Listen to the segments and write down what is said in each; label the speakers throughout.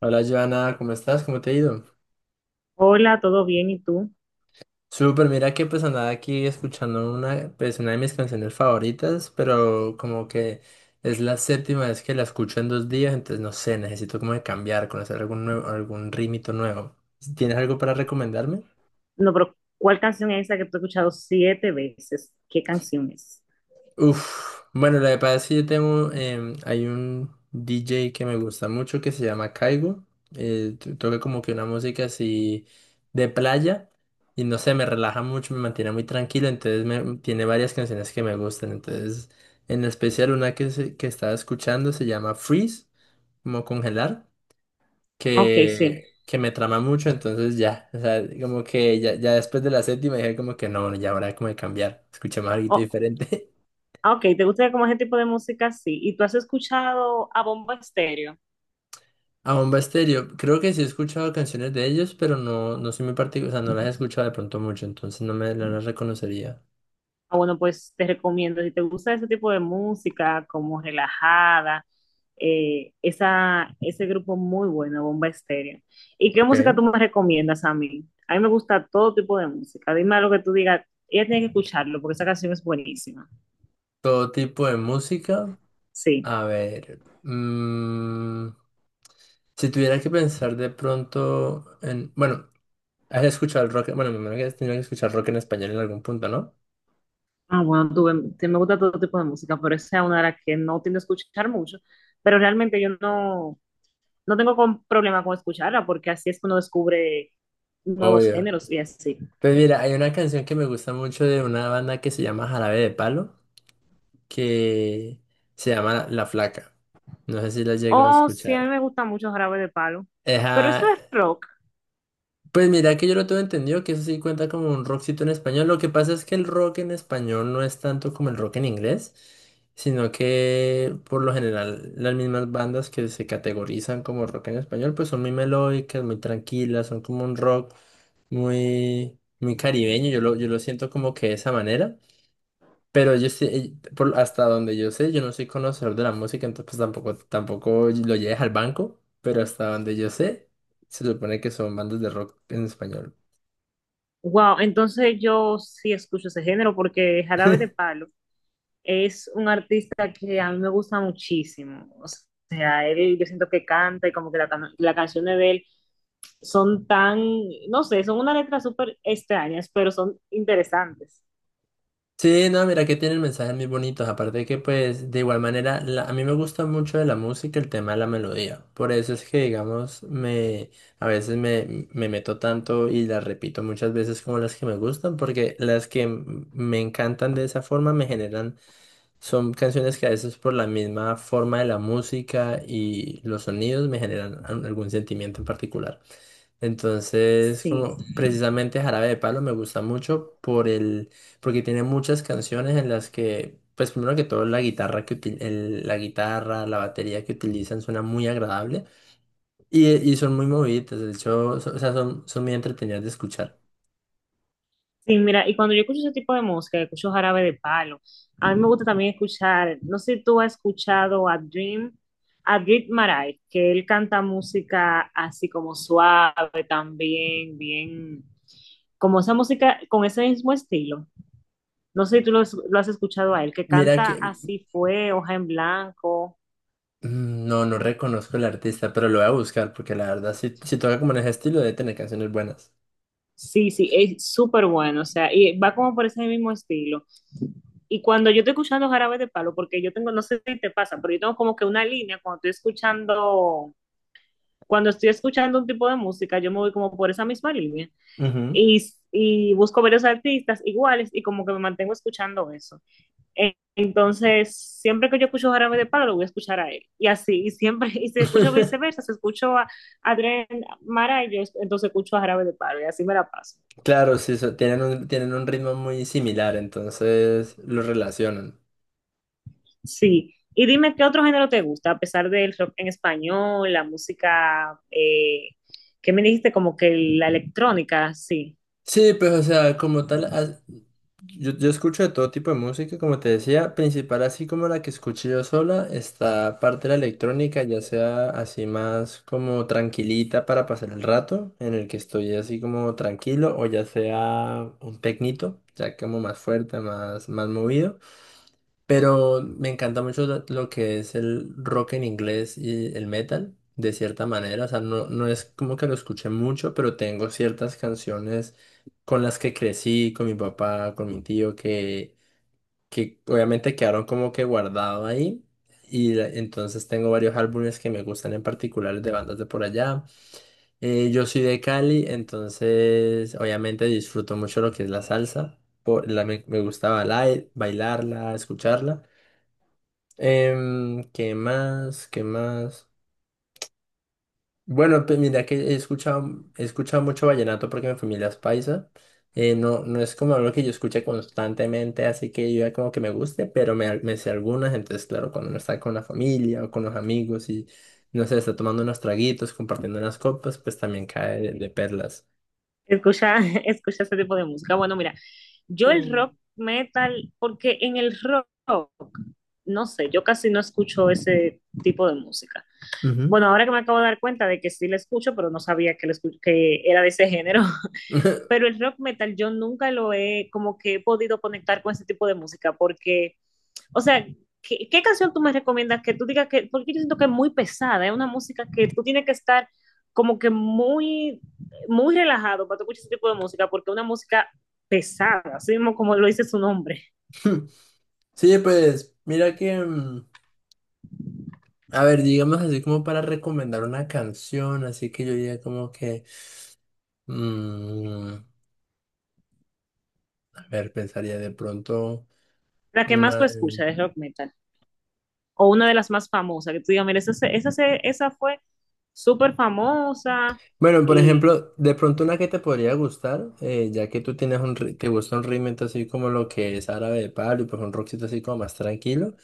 Speaker 1: Hola, Joana, ¿cómo estás? ¿Cómo te ha ido?
Speaker 2: Hola, ¿todo bien? ¿Y tú?
Speaker 1: Súper, mira que pues andaba aquí escuchando pues, una de mis canciones favoritas, pero como que es la séptima vez que la escucho en 2 días, entonces no sé, necesito como de cambiar, conocer algún nuevo, algún ritmito nuevo. ¿Tienes algo para recomendarme?
Speaker 2: No, pero ¿cuál canción es esa que tú has escuchado siete veces? ¿Qué canción es?
Speaker 1: Uf, bueno, lo que pasa es que hay un DJ que me gusta mucho que se llama Caigo. Toca como que una música así de playa y no sé, me relaja mucho, me mantiene muy tranquilo, entonces tiene varias canciones que me gustan. Entonces, en especial una que estaba escuchando se llama Freeze, como congelar,
Speaker 2: Ok, sí.
Speaker 1: que me trama mucho, entonces ya, o sea, como que ya después de la séptima dije como que no, bueno, ya habrá como de cambiar, escuché más algo
Speaker 2: Oh,
Speaker 1: diferente.
Speaker 2: ah, ok, ¿te gusta como ese tipo de música? Sí. ¿Y tú has escuchado a Bombo Estéreo?
Speaker 1: A Bomba Estéreo, creo que sí he escuchado canciones de ellos, pero no, no soy muy particular, o sea, no las he escuchado de pronto mucho, entonces no las reconocería.
Speaker 2: Ah, bueno, pues te recomiendo, si te gusta ese tipo de música, como relajada, ese grupo muy bueno, Bomba Estéreo. ¿Y qué música
Speaker 1: Ok.
Speaker 2: tú me recomiendas a mí? A mí me gusta todo tipo de música. Dime algo que tú digas, ella tiene que escucharlo porque esa canción es buenísima.
Speaker 1: Todo tipo de música,
Speaker 2: Sí.
Speaker 1: a ver, si tuviera que pensar de pronto en, bueno, has escuchado el rock, bueno, me imagino que has tenido que escuchar rock en español en algún punto, ¿no?
Speaker 2: Ah, bueno, me gusta todo tipo de música, pero esa es una de las que no tiendo a escuchar mucho, pero realmente yo no, no tengo problema con escucharla porque así es que uno descubre nuevos
Speaker 1: Obvio.
Speaker 2: géneros y así.
Speaker 1: Pues mira, hay una canción que me gusta mucho de una banda que se llama Jarabe de Palo, que se llama La Flaca. No sé si la llego a
Speaker 2: Oh, sí, a mí
Speaker 1: escuchar.
Speaker 2: me gusta mucho Jarabe de Palo, pero eso
Speaker 1: Ajá.
Speaker 2: es rock.
Speaker 1: Pues mira que yo lo tengo entendido que eso sí cuenta como un rockcito en español. Lo que pasa es que el rock en español no es tanto como el rock en inglés, sino que por lo general las mismas bandas que se categorizan como rock en español pues son muy melódicas, muy tranquilas, son como un rock muy, muy caribeño. Yo lo siento como que de esa manera. Pero yo sí, hasta donde yo sé, yo no soy conocedor de la música, entonces pues tampoco, tampoco lo lleves al banco, pero hasta donde yo sé, se supone que son bandas de rock en español.
Speaker 2: Wow, entonces yo sí escucho ese género porque Jarabe de Palo es un artista que a mí me gusta muchísimo. O sea, él, yo siento que canta y como que las canciones de él son tan, no sé, son unas letras súper extrañas, pero son interesantes.
Speaker 1: Sí, no, mira que tienen mensajes muy bonitos, aparte de que pues de igual manera, a mí me gusta mucho de la música el tema de la melodía, por eso es que digamos, a veces me meto tanto y las repito muchas veces como las que me gustan, porque las que me encantan de esa forma me generan. Son canciones que a veces por la misma forma de la música y los sonidos me generan algún sentimiento en particular. Entonces,
Speaker 2: Sí.
Speaker 1: como precisamente Jarabe de Palo me gusta mucho por el, porque tiene muchas canciones en las que, pues primero que todo la guitarra la guitarra, la batería que utilizan suena muy agradable y son muy movidas. De hecho, o sea, son muy entretenidas de escuchar.
Speaker 2: Sí, mira, y cuando yo escucho ese tipo de música, escucho Jarabe de Palo. A mí me gusta también escuchar, no sé si tú has escuchado a Dream Maray, que él canta música así como suave también, bien, como esa música con ese mismo estilo. No sé si lo has escuchado a él, que
Speaker 1: Mira
Speaker 2: canta
Speaker 1: que
Speaker 2: así fue, hoja en blanco.
Speaker 1: No, no reconozco el artista, pero lo voy a buscar porque la verdad, si toca como en ese estilo, debe tener canciones buenas.
Speaker 2: Sí, sí, es súper bueno, o sea, y va como por ese mismo estilo. Y cuando yo estoy escuchando Jarabe de Palo, porque yo tengo, no sé si te pasa, pero yo tengo como que una línea cuando estoy escuchando un tipo de música, yo me voy como por esa misma línea
Speaker 1: Ujú.
Speaker 2: y, y busco varios artistas iguales y como que me mantengo escuchando eso. Entonces, siempre que yo escucho Jarabe de Palo, lo voy a escuchar a él. Y así, y siempre, y si escucho viceversa, si escucho a Adrián Mara, yo entonces escucho a Jarabe de Palo y así me la paso.
Speaker 1: Claro, sí, tienen un ritmo muy similar, entonces lo relacionan.
Speaker 2: Sí, y dime qué otro género te gusta, a pesar del rock en español, la música, ¿qué me dijiste? Como que la electrónica, sí.
Speaker 1: Sí, pues o sea, como tal, yo escucho de todo tipo de música, como te decía, principal así como la que escuché yo sola, está parte de la electrónica, ya sea así más como tranquilita para pasar el rato, en el que estoy así como tranquilo, o ya sea un tecnito, ya como más fuerte, más, más movido. Pero me encanta mucho lo que es el rock en inglés y el metal, de cierta manera. O sea, no, no es como que lo escuché mucho, pero tengo ciertas canciones con las que crecí, con mi papá, con mi tío, que obviamente quedaron como que guardado ahí. Y entonces tengo varios álbumes que me gustan en particular de bandas de por allá. Yo soy de Cali, entonces obviamente disfruto mucho lo que es la salsa. Me gusta bailarla, escucharla. ¿Qué más? ¿Qué más? Bueno, pues mira que he escuchado mucho vallenato porque mi familia es paisa. No, no es como algo que yo escuche constantemente, así que yo ya como que me guste, pero me sé algunas. Entonces, claro, cuando uno está con la familia o con los amigos y, no sé, está tomando unos traguitos, compartiendo unas copas, pues también cae de perlas.
Speaker 2: Escucha, escucha ese tipo de música. Bueno, mira, yo el
Speaker 1: Eh,
Speaker 2: rock metal, porque en el rock, no sé, yo casi no escucho ese tipo de música.
Speaker 1: Ujú.
Speaker 2: Bueno, ahora que me acabo de dar cuenta de que sí la escucho, pero no sabía que, la que era de ese género. Pero el rock metal yo nunca lo he como que he podido conectar con ese tipo de música porque, o sea, ¿qué canción tú me recomiendas que tú digas que, porque yo siento que es muy pesada, es una música que tú tienes que estar como que muy, muy relajado para tú escuchar ese tipo de música, porque es una música pesada, así mismo como lo dice su nombre,
Speaker 1: Sí, pues mira que, a ver, digamos así como para recomendar una canción, así que yo diría como que... Mm, a ver, pensaría de pronto
Speaker 2: la que más tú
Speaker 1: una...
Speaker 2: escuchas es rock metal, o una de las más famosas, que tú digas, mira, esa fue súper famosa
Speaker 1: Bueno, por
Speaker 2: y
Speaker 1: ejemplo, de pronto una que te podría gustar, ya que tú tienes un... ri- te gusta un ritmo así como lo que es Árabe de Palo y pues un rockcito así como más tranquilo.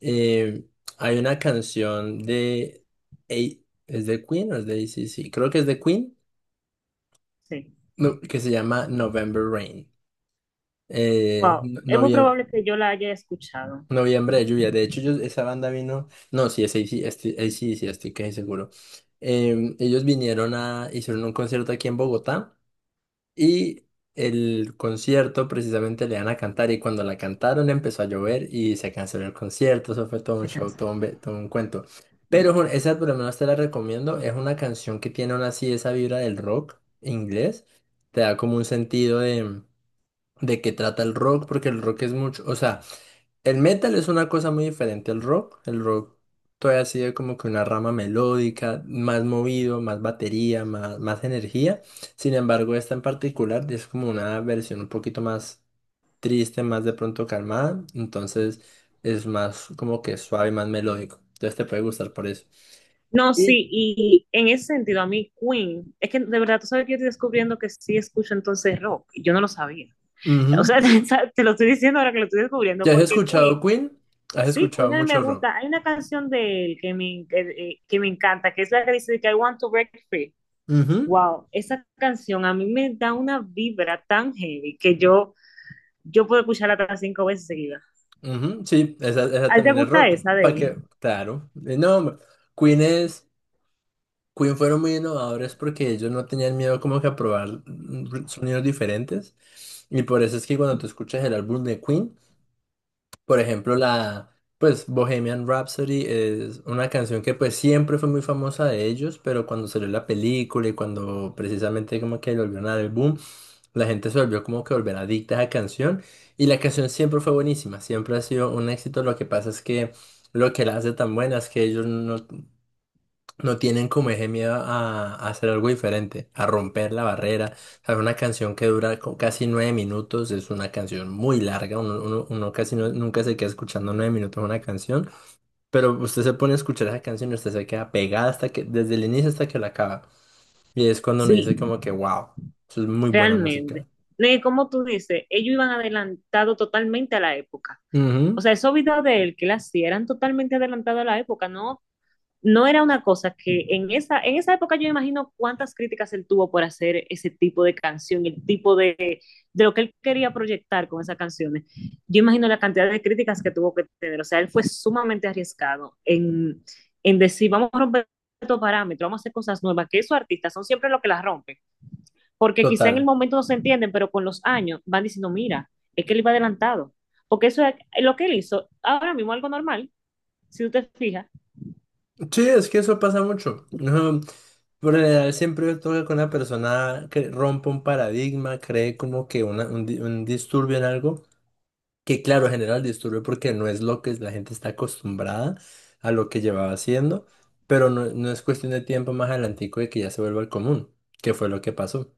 Speaker 1: eh, Hay una canción de... A- ¿Es de Queen o es de C C creo que es de Queen,
Speaker 2: sí.
Speaker 1: no, que se llama November Rain. Eh,
Speaker 2: Wow, es muy probable que yo la haya escuchado.
Speaker 1: Noviembre de lluvia. De hecho, esa banda vino. No, sí, es A C. AC/DC, ac C. D C, estoy casi seguro. Em, ellos vinieron a. Hicieron un concierto aquí en Bogotá y el concierto precisamente le iban a cantar. Y cuando la cantaron empezó a llover y se canceló el concierto. Eso fue todo un
Speaker 2: Se
Speaker 1: show,
Speaker 2: cansa.
Speaker 1: todo un, todo un cuento. Pero Jun, esa por lo menos te la recomiendo. Es una canción que tiene aún así esa vibra del rock inglés. Te da como un sentido de qué trata el rock, porque el rock es mucho. O sea, el metal es una cosa muy diferente al rock. El rock todavía sigue como que una rama melódica, más movido, más batería, más, más energía. Sin embargo, esta en particular es como una versión un poquito más triste, más de pronto calmada. Entonces es más como que suave, más melódico. Entonces te puede gustar por eso.
Speaker 2: No,
Speaker 1: Y,
Speaker 2: sí, y en ese sentido, a mí Queen, es que de verdad tú sabes que yo estoy descubriendo que sí escucho entonces rock, y yo no lo sabía. O
Speaker 1: Ujú.
Speaker 2: sea, te lo estoy diciendo ahora que lo estoy descubriendo,
Speaker 1: ¿Ya has
Speaker 2: porque
Speaker 1: escuchado
Speaker 2: Queen,
Speaker 1: Queen? ¿Has
Speaker 2: sí,
Speaker 1: escuchado
Speaker 2: Queen a mí me
Speaker 1: mucho rock?
Speaker 2: gusta. Hay una canción de él que me encanta, que es la que dice que I want to break free.
Speaker 1: Ujú,
Speaker 2: Wow, esa canción a mí me da una vibra tan heavy que yo puedo escucharla hasta cinco veces seguidas.
Speaker 1: ujú, sí, esa
Speaker 2: ¿A ti te
Speaker 1: también es
Speaker 2: gusta
Speaker 1: rock.
Speaker 2: esa
Speaker 1: ¿Para
Speaker 2: de él?
Speaker 1: qué? Claro. No, hombre, Queen es... Queen fueron muy innovadores porque ellos no tenían miedo como que a probar sonidos diferentes. Y por eso es que cuando tú escuchas el álbum de Queen, por ejemplo, la pues Bohemian Rhapsody es una canción que pues siempre fue muy famosa de ellos, pero cuando salió la película y cuando precisamente como que le volvieron a dar el boom, la gente se volvió como que volver adicta a esa canción y la canción siempre fue buenísima, siempre ha sido un éxito. Lo que pasa es que lo que la hace tan buena es que ellos no tienen como ese miedo a hacer algo diferente, a romper la barrera. ¿Sabes? Una canción que dura casi 9 minutos es una canción muy larga. Uno casi nunca se queda escuchando 9 minutos una canción, pero usted se pone a escuchar esa canción y usted se queda pegada hasta que, desde el inicio hasta que la acaba. Y es cuando uno dice
Speaker 2: Sí,
Speaker 1: como que, wow, eso es muy buena música.
Speaker 2: realmente. No, y como tú dices, ellos iban adelantados totalmente a la época. O
Speaker 1: Ujú,
Speaker 2: sea, esos videos de él que él hacía eran totalmente adelantados a la época, ¿no? No era una cosa que en esa época yo imagino cuántas críticas él tuvo por hacer ese tipo de canción, el tipo de lo que él quería proyectar con esas canciones. Yo imagino la cantidad de críticas que tuvo que tener. O sea, él fue sumamente arriesgado en decir, vamos a romper estos parámetros, vamos a hacer cosas nuevas, que esos artistas son siempre los que las rompen porque quizá en el
Speaker 1: total.
Speaker 2: momento no se entienden, pero con los años van diciendo, mira, es que él iba adelantado, porque eso es lo que él hizo, ahora mismo algo normal, si tú te fijas.
Speaker 1: Sí, es que eso pasa mucho. Ujú. Por lo general, siempre toca con una persona que rompe un paradigma, cree como que un disturbio en algo, que claro, genera el disturbio porque no es lo que la gente está acostumbrada a lo que llevaba haciendo, pero no, no es cuestión de tiempo más adelantico de que ya se vuelva el común, que fue lo que pasó.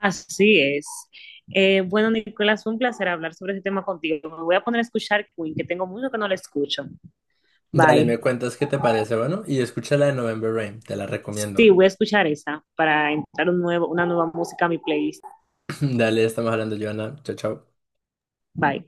Speaker 2: Así es. Bueno, Nicolás, fue un placer hablar sobre este tema contigo. Me voy a poner a escuchar Queen, que tengo mucho que no la escucho.
Speaker 1: Dale,
Speaker 2: Bye.
Speaker 1: me cuentas qué te parece, bueno, y escucha la de November Rain, te la
Speaker 2: Sí,
Speaker 1: recomiendo.
Speaker 2: voy a escuchar esa para entrar un nuevo, una nueva música a mi playlist.
Speaker 1: Dale, estamos hablando, Joana. Chao, chao.
Speaker 2: Bye.